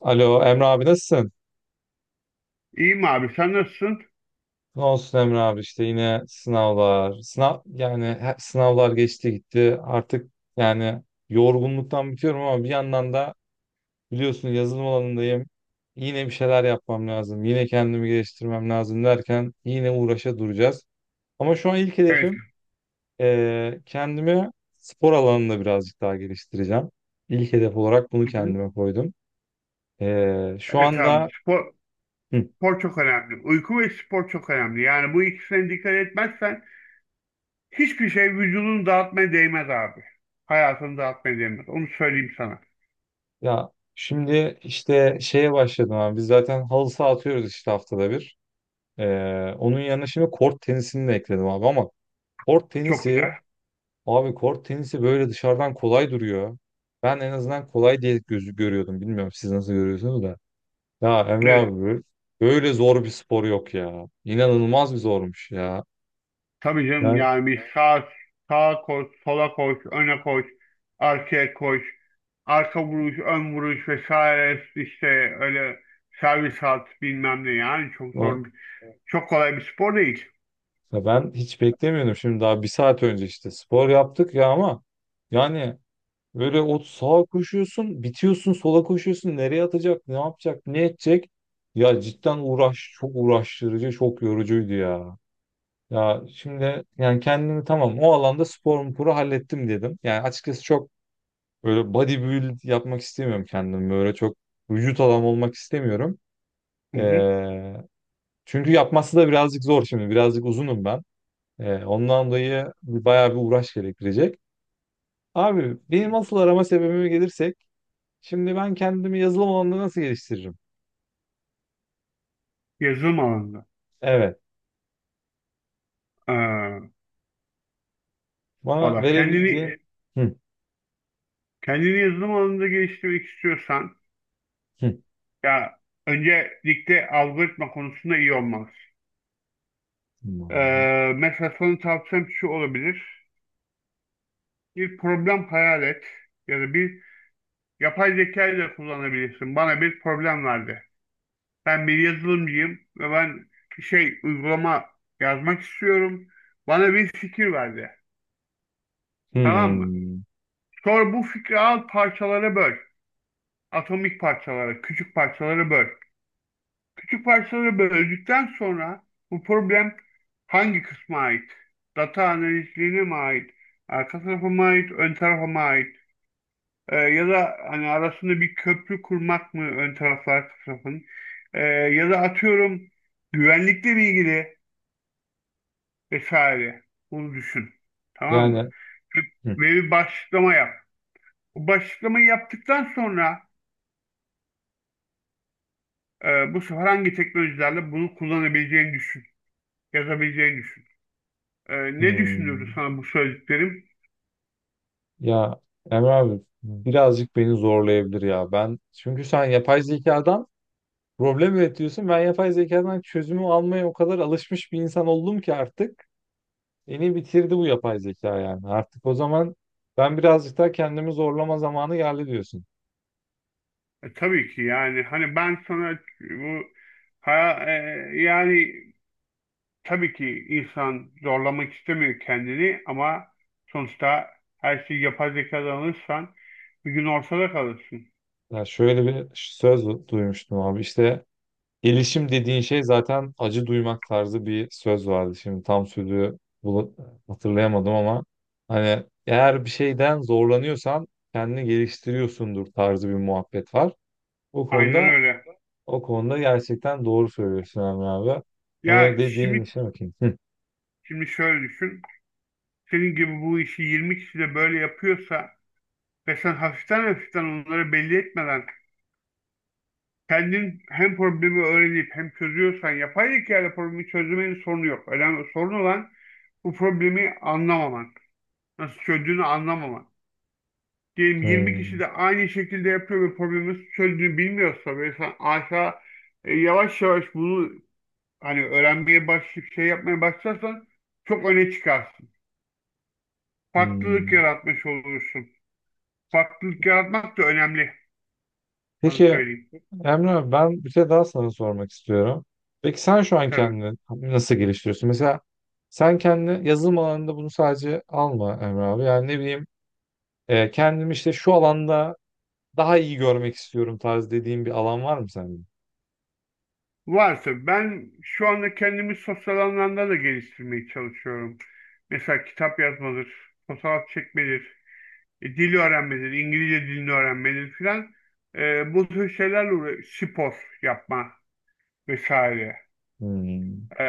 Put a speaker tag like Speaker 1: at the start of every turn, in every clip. Speaker 1: Alo Emre abi, nasılsın?
Speaker 2: İyiyim abi sen nasılsın?
Speaker 1: Ne olsun Emre abi, işte yine sınavlar. Sınav yani sınavlar geçti gitti. Artık yani yorgunluktan bitiyorum ama bir yandan da biliyorsun yazılım alanındayım. Yine bir şeyler yapmam lazım. Yine kendimi geliştirmem lazım derken yine uğraşa duracağız. Ama şu an ilk
Speaker 2: Evet.
Speaker 1: hedefim kendimi spor alanında birazcık daha geliştireceğim. İlk hedef olarak bunu
Speaker 2: Hı hı.
Speaker 1: kendime koydum. Şu
Speaker 2: Evet abi
Speaker 1: anda
Speaker 2: spor, spor çok önemli. Uyku ve spor çok önemli. Yani bu ikisine dikkat etmezsen hiçbir şey vücudunu dağıtmaya değmez abi. Hayatını dağıtmaya değmez. Onu söyleyeyim sana.
Speaker 1: ya şimdi işte şeye başladım abi. Biz zaten halı saha atıyoruz işte haftada bir. Onun yanına şimdi kort tenisini de ekledim abi ama kort
Speaker 2: Çok
Speaker 1: tenisi
Speaker 2: güzel.
Speaker 1: abi, kort tenisi böyle dışarıdan kolay duruyor. Ben en azından kolay diye gözü görüyordum. Bilmiyorum siz nasıl görüyorsunuz da. Ya Emre
Speaker 2: Evet.
Speaker 1: abi, böyle zor bir spor yok ya. İnanılmaz bir zormuş ya.
Speaker 2: Tabii canım
Speaker 1: Yani
Speaker 2: yani bir sağa koş, sola koş, öne koş, arkaya koş, arka vuruş, ön vuruş vesaire işte öyle servis at bilmem ne yani çok
Speaker 1: o-
Speaker 2: zor. Çok kolay bir spor değil.
Speaker 1: ya ben hiç beklemiyordum. Şimdi daha bir saat önce işte spor yaptık ya ama yani böyle o sağa koşuyorsun, bitiyorsun, sola koşuyorsun. Nereye atacak, ne yapacak, ne edecek? Ya cidden uğraş, çok uğraştırıcı, çok yorucuydu ya. Ya şimdi yani kendimi tamam o alanda spor sporu hallettim dedim. Yani açıkçası çok böyle bodybuild yapmak istemiyorum kendim. Böyle çok vücut adam olmak istemiyorum.
Speaker 2: Hı hı.
Speaker 1: Ee, çünkü yapması da birazcık zor şimdi. Birazcık uzunum ben. Ondan dolayı bayağı bir uğraş gerektirecek. Abi benim asıl arama sebebime gelirsek, şimdi ben kendimi yazılım alanında nasıl geliştiririm?
Speaker 2: Yazılım alanında.
Speaker 1: Evet.
Speaker 2: Ee,
Speaker 1: Bana
Speaker 2: valla kendini
Speaker 1: verebileceğin... Hı,
Speaker 2: kendini yazılım alanında geliştirmek istiyorsan
Speaker 1: hı,
Speaker 2: ya öncelikle algoritma konusunda iyi olmalısın.
Speaker 1: hı,
Speaker 2: Mesela sana tavsiyem şu olabilir. Bir problem hayal et ya da bir yapay zeka ile kullanabilirsin. Bana bir problem verdi. Ben bir yazılımcıyım ve ben şey uygulama yazmak istiyorum. Bana bir fikir verdi. Tamam mı? Sonra bu fikri al parçalara böl. Atomik parçalara, küçük parçalara böl. Küçük parçalara böldükten sonra bu problem hangi kısma ait? Data analizliğine mi ait? Arka tarafa mı ait? Ön tarafa mı ait? Ya da hani arasında bir köprü kurmak mı ön tarafla arka tarafın? Ya da atıyorum güvenlikle ilgili vesaire. Bunu düşün. Tamam mı?
Speaker 1: yani
Speaker 2: Ve
Speaker 1: hı,
Speaker 2: ve bir başlıklama yap. Bu başlıklamayı yaptıktan sonra bu sefer hangi teknolojilerle bunu kullanabileceğini düşün. Yazabileceğini düşün. Ne düşündürdü
Speaker 1: hı.
Speaker 2: sana bu söylediklerim?
Speaker 1: Ya Emre abi, birazcık beni zorlayabilir ya. Ben çünkü sen yapay zekadan problem üretiyorsun. Ben yapay zekadan çözümü almaya o kadar alışmış bir insan oldum ki artık beni bitirdi bu yapay zeka yani. Artık o zaman ben birazcık daha kendimi zorlama zamanı geldi diyorsun.
Speaker 2: Tabii ki yani hani ben sana bu ha, e, yani tabii ki insan zorlamak istemiyor kendini ama sonuçta her şeyi yapay zekadan alırsan bir gün ortada kalırsın.
Speaker 1: Ya şöyle bir söz duymuştum abi, işte gelişim dediğin şey zaten acı duymak tarzı bir söz vardı. Şimdi tam sözü hatırlayamadım ama hani eğer bir şeyden zorlanıyorsan kendini geliştiriyorsundur tarzı bir muhabbet var. O
Speaker 2: Aynen
Speaker 1: konuda
Speaker 2: öyle.
Speaker 1: o konuda gerçekten doğru söylüyorsun Emre abi.
Speaker 2: Ya
Speaker 1: Onu dediğin
Speaker 2: şimdi
Speaker 1: işe bakayım. Hı.
Speaker 2: şimdi şöyle düşün. Senin gibi bu işi 20 kişi de böyle yapıyorsa ve sen hafiften hafiften onları belli etmeden kendin hem problemi öğrenip hem çözüyorsan yapay zeka ile problemi çözmenin sorunu yok. Önemli sorun olan bu problemi anlamaman. Nasıl çözdüğünü anlamaman. Diyelim 20 kişi
Speaker 1: Hmm.
Speaker 2: de aynı şekilde yapıyor ve problemi çözdüğünü bilmiyorsa ve sen aşağı yavaş yavaş bunu hani öğrenmeye başlayıp şey yapmaya başlarsan çok öne çıkarsın. Farklılık
Speaker 1: Hmm.
Speaker 2: yaratmış olursun. Farklılık yaratmak da önemli. Sana
Speaker 1: Peki
Speaker 2: söyleyeyim.
Speaker 1: Emre abi, ben bir şey daha sana sormak istiyorum. Peki sen şu an
Speaker 2: Tabii.
Speaker 1: kendini nasıl geliştiriyorsun? Mesela sen kendini yazılım alanında bunu sadece alma Emre abi. Yani ne bileyim, kendimi işte şu alanda daha iyi görmek istiyorum tarz dediğin bir alan var mı sende?
Speaker 2: Varsa ben şu anda kendimi sosyal anlamda da geliştirmeye çalışıyorum. Mesela kitap yazmadır, fotoğraf çekmedir, dil öğrenmedir, İngilizce dilini öğrenmedir filan. Bu tür şeylerle spor yapma vesaire.
Speaker 1: Hmm.
Speaker 2: E,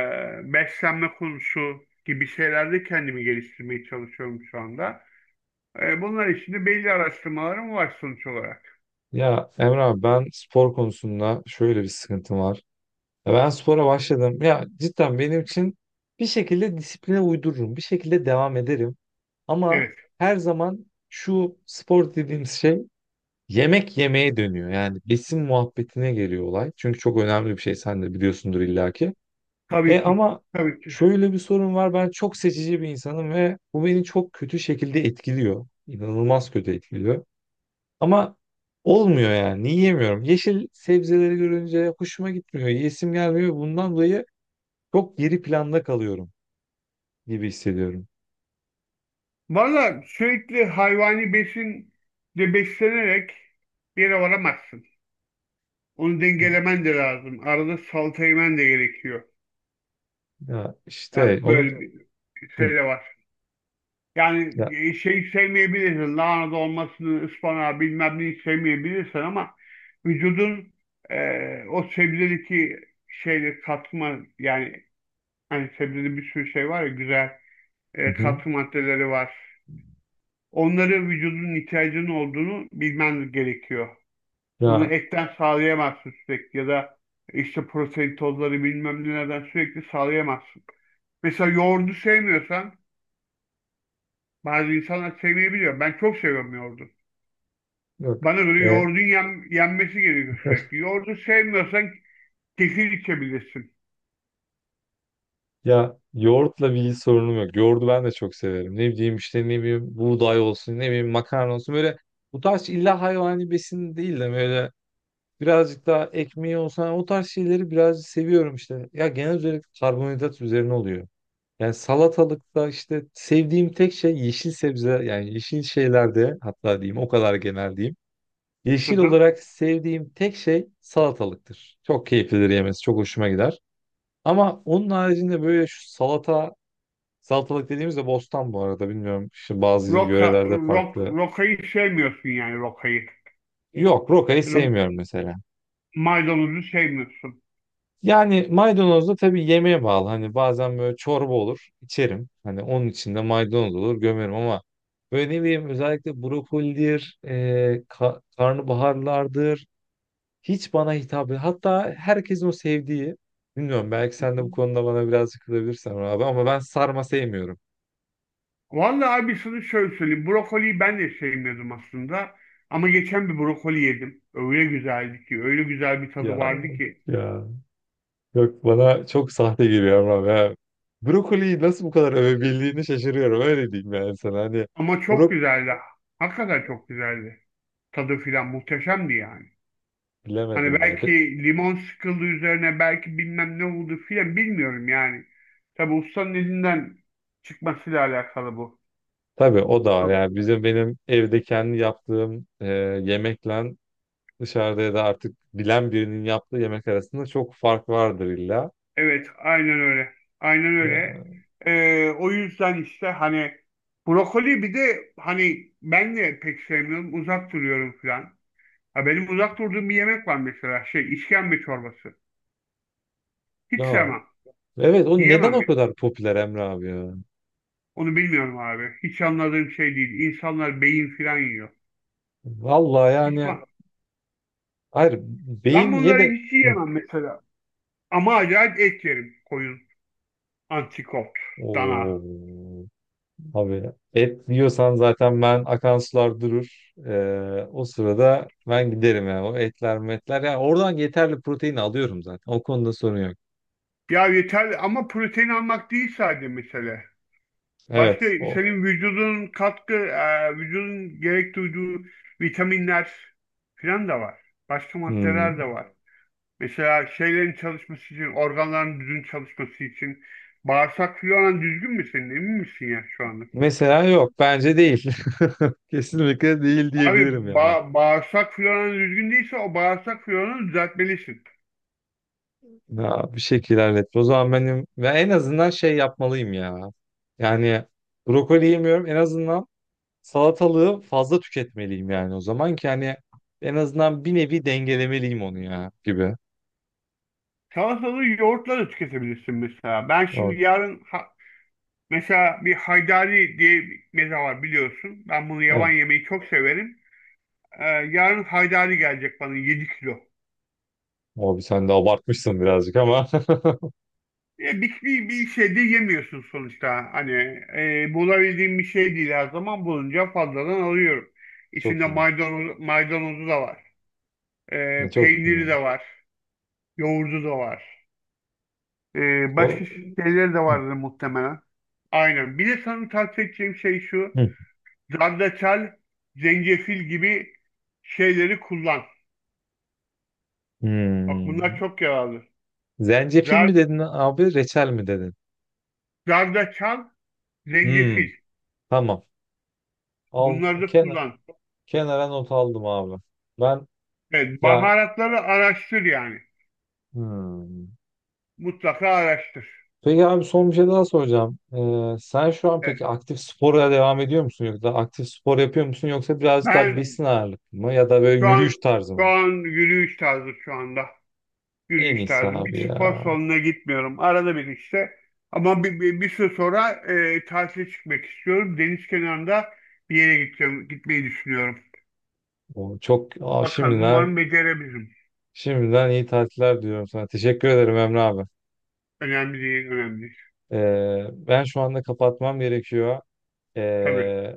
Speaker 2: Beslenme konusu gibi şeylerde kendimi geliştirmeye çalışıyorum şu anda. Bunlar için de belli araştırmalarım var sonuç olarak.
Speaker 1: Ya Emre abi, ben spor konusunda şöyle bir sıkıntım var. Ya ben spora başladım. Ya cidden benim için bir şekilde disipline uydururum. Bir şekilde devam ederim. Ama
Speaker 2: Evet,
Speaker 1: her zaman şu spor dediğimiz şey yemek yemeye dönüyor. Yani besin muhabbetine geliyor olay. Çünkü çok önemli bir şey, sen de biliyorsundur illaki.
Speaker 2: tabii
Speaker 1: E
Speaker 2: ki.
Speaker 1: ama
Speaker 2: Tabii ki.
Speaker 1: şöyle bir sorun var. Ben çok seçici bir insanım ve bu beni çok kötü şekilde etkiliyor. İnanılmaz kötü etkiliyor. Ama olmuyor yani. Yiyemiyorum. Yeşil sebzeleri görünce hoşuma gitmiyor. Yesim gelmiyor. Bundan dolayı çok geri planda kalıyorum gibi hissediyorum.
Speaker 2: Valla sürekli hayvani besinle beslenerek bir yere varamazsın. Onu dengelemen de lazım. Arada salata yemen de gerekiyor.
Speaker 1: Ya
Speaker 2: Yani
Speaker 1: işte onu.
Speaker 2: böyle bir şey
Speaker 1: Hı.
Speaker 2: de var. Yani
Speaker 1: Ya.
Speaker 2: şey sevmeyebilirsin. Lahana dolmasını, ıspanağı bilmem neyi sevmeyebilirsin ama vücudun o sebzedeki şeyle katma yani hani sebzede bir sürü şey var ya güzel
Speaker 1: Hı hı.
Speaker 2: katkı maddeleri var. Onları vücudun ihtiyacının olduğunu bilmen gerekiyor. Bunu
Speaker 1: Ya,
Speaker 2: etten sağlayamazsın sürekli ya da işte protein tozları bilmem nelerden sürekli sağlayamazsın. Mesela yoğurdu sevmiyorsan bazı insanlar sevmeyebiliyor. Ben çok seviyorum yoğurdu.
Speaker 1: yok.
Speaker 2: Bana göre
Speaker 1: E,
Speaker 2: yoğurdun yenmesi gerekiyor sürekli. Yoğurdu sevmiyorsan kefir içebilirsin.
Speaker 1: ya yoğurtla bir sorunum yok. Yoğurdu ben de çok severim. Ne bileyim işte, ne bileyim buğday olsun, ne bileyim makarna olsun. Böyle bu tarz illa hayvani besin değil de böyle birazcık daha ekmeği olsun. O tarz şeyleri birazcık seviyorum işte. Ya genel olarak karbonhidrat üzerine oluyor. Yani salatalıkta işte sevdiğim tek şey yeşil sebze, yani yeşil şeylerde, hatta diyeyim o kadar genel diyeyim.
Speaker 2: Hı
Speaker 1: Yeşil
Speaker 2: hı.
Speaker 1: olarak sevdiğim tek şey salatalıktır. Çok keyiflidir yemesi, çok hoşuma gider. Ama onun haricinde böyle şu salata. Salatalık dediğimizde bostan bu arada, bilmiyorum. Şimdi bazı yörelerde farklı.
Speaker 2: Rokayı sevmiyorsun yani rokayı.
Speaker 1: Yok, rokayı
Speaker 2: Ya da
Speaker 1: sevmiyorum mesela.
Speaker 2: maydanozu sevmiyorsun.
Speaker 1: Yani maydanoz da tabii yemeğe bağlı. Hani bazen böyle çorba olur, içerim. Hani onun içinde maydanoz olur gömerim ama böyle ne bileyim özellikle brokolidir, karnabaharlardır. Hiç bana hitap etmiyor. Hatta herkesin o sevdiği. Bilmiyorum, belki
Speaker 2: Hı
Speaker 1: sen de
Speaker 2: hı.
Speaker 1: bu konuda bana biraz kızabilirsin abi ama ben sarma sevmiyorum.
Speaker 2: Vallahi abi sana şöyle söyleyeyim. Brokoliyi ben de sevmiyordum aslında. Ama geçen bir brokoli yedim. Öyle güzeldi ki. Öyle güzel bir tadı
Speaker 1: Ya,
Speaker 2: vardı ki.
Speaker 1: ya. Yok, bana çok sahte geliyor ama ya. Brokoliyi nasıl bu kadar övebildiğini şaşırıyorum, öyle diyeyim yani sana, hani
Speaker 2: Ama çok
Speaker 1: brok
Speaker 2: güzeldi. Hakikaten çok güzeldi. Tadı filan muhteşemdi yani. Hani
Speaker 1: bilemedim ya. De,
Speaker 2: belki limon sıkıldı üzerine belki bilmem ne oldu filan bilmiyorum yani. Tabi ustanın elinden çıkmasıyla alakalı bu.
Speaker 1: tabii o da var yani bizim, benim evde kendi yaptığım yemekle dışarıda ya da artık bilen birinin yaptığı yemek arasında çok fark vardır illa.
Speaker 2: Evet, aynen öyle. Aynen öyle.
Speaker 1: Ya,
Speaker 2: O yüzden işte hani brokoli bir de hani ben de pek sevmiyorum. Uzak duruyorum falan. Ha, benim uzak durduğum bir yemek var mesela. Şey, işkembe çorbası. Hiç
Speaker 1: ya
Speaker 2: sevmem.
Speaker 1: evet, o neden
Speaker 2: Yiyemem
Speaker 1: o
Speaker 2: ya.
Speaker 1: kadar popüler Emre abi ya?
Speaker 2: Onu bilmiyorum abi. Hiç anladığım şey değil. İnsanlar beyin falan yiyor.
Speaker 1: Vallahi
Speaker 2: Hiç
Speaker 1: yani,
Speaker 2: ben,
Speaker 1: hayır,
Speaker 2: ben
Speaker 1: beyin ye
Speaker 2: bunları
Speaker 1: de.
Speaker 2: hiç
Speaker 1: Hı.
Speaker 2: yiyemem mesela. Ama acayip et yerim. Koyun, antrikot, dana.
Speaker 1: Oo. Abi et diyorsan zaten ben akan sular durur. O sırada ben giderim yani. O etler metler. Yani oradan yeterli protein alıyorum zaten. O konuda sorun yok.
Speaker 2: Ya yeter ama protein almak değil sadece mesele. Başka
Speaker 1: Evet. O.
Speaker 2: senin vücudun gerek duyduğu vitaminler falan da var. Başka maddeler de
Speaker 1: Hmm.
Speaker 2: var. Mesela şeylerin çalışması için, organların düzgün çalışması için bağırsak floran düzgün mü senin? Emin misin ya şu anda?
Speaker 1: Mesela yok. Bence değil. Kesinlikle değil diyebilirim
Speaker 2: Abi
Speaker 1: yani.
Speaker 2: bağırsak floran düzgün değilse o bağırsak floranı düzeltmelisin.
Speaker 1: Ya, bir şekilde hallet. O zaman benim ve en azından şey yapmalıyım ya. Yani brokoli yemiyorum. En azından salatalığı fazla tüketmeliyim yani, o zaman ki hani en azından bir nevi dengelemeliyim onu ya gibi.
Speaker 2: Salatalığı yoğurtla da tüketebilirsin mesela. Ben şimdi
Speaker 1: Abi,
Speaker 2: yarın mesela bir haydari diye bir meze var biliyorsun. Ben bunu yavan
Speaker 1: evet.
Speaker 2: yemeyi çok severim. Yarın haydari gelecek bana 7 kilo.
Speaker 1: Abi sen de abartmışsın birazcık ama
Speaker 2: Ya bir şey de yemiyorsun sonuçta. Hani bulabildiğim bir şey değil her zaman bulunca fazladan alıyorum.
Speaker 1: çok
Speaker 2: İçinde
Speaker 1: iyi.
Speaker 2: maydanozu da var.
Speaker 1: Çok
Speaker 2: Peyniri
Speaker 1: iyi.
Speaker 2: de var. Yoğurdu da var. Başka
Speaker 1: O...
Speaker 2: şeyleri de
Speaker 1: Hı.
Speaker 2: vardır muhtemelen. Aynen. Bir de sana tavsiye edeceğim şey şu.
Speaker 1: Hı.
Speaker 2: Zerdeçal, zencefil gibi şeyleri kullan. Bak
Speaker 1: Hmm.
Speaker 2: bunlar çok yararlı.
Speaker 1: Zencefil
Speaker 2: Zer-
Speaker 1: mi dedin abi, reçel mi dedin?
Speaker 2: Zerdeçal, zencefil.
Speaker 1: Hmm. Tamam. Al
Speaker 2: Bunları da
Speaker 1: kenar,
Speaker 2: kullan.
Speaker 1: kenara not aldım abi. Ben
Speaker 2: Evet,
Speaker 1: ya,
Speaker 2: baharatları araştır yani.
Speaker 1: hmm.
Speaker 2: Mutlaka araştır.
Speaker 1: Peki abi, son bir şey daha soracağım. Sen şu an
Speaker 2: Evet.
Speaker 1: peki aktif spora devam ediyor musun, yoksa aktif spor yapıyor musun, yoksa birazcık daha
Speaker 2: Ben
Speaker 1: besin ağırlık mı ya da böyle
Speaker 2: şu
Speaker 1: yürüyüş
Speaker 2: an
Speaker 1: tarzı
Speaker 2: şu
Speaker 1: mı?
Speaker 2: an yürüyüş tarzı şu anda.
Speaker 1: En
Speaker 2: Yürüyüş
Speaker 1: iyisi
Speaker 2: tarzı. Bir
Speaker 1: abi ya.
Speaker 2: spor salonuna gitmiyorum. Arada bir işte. Ama bir süre sonra tatile çıkmak istiyorum. Deniz kenarında bir yere gideceğim, gitmeyi düşünüyorum.
Speaker 1: O çok, aa,
Speaker 2: Bakalım
Speaker 1: şimdiden.
Speaker 2: umarım becerebilirim.
Speaker 1: Şimdiden iyi tatiller diliyorum sana. Teşekkür ederim Emre abi.
Speaker 2: Önemli değil, önemli değil.
Speaker 1: Ben şu anda kapatmam gerekiyor.
Speaker 2: Tabii.
Speaker 1: Ee,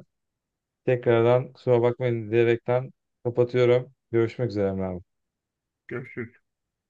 Speaker 1: tekrardan kusura bakmayın diyerekten kapatıyorum. Görüşmek üzere Emre abi.
Speaker 2: Görüşürüz.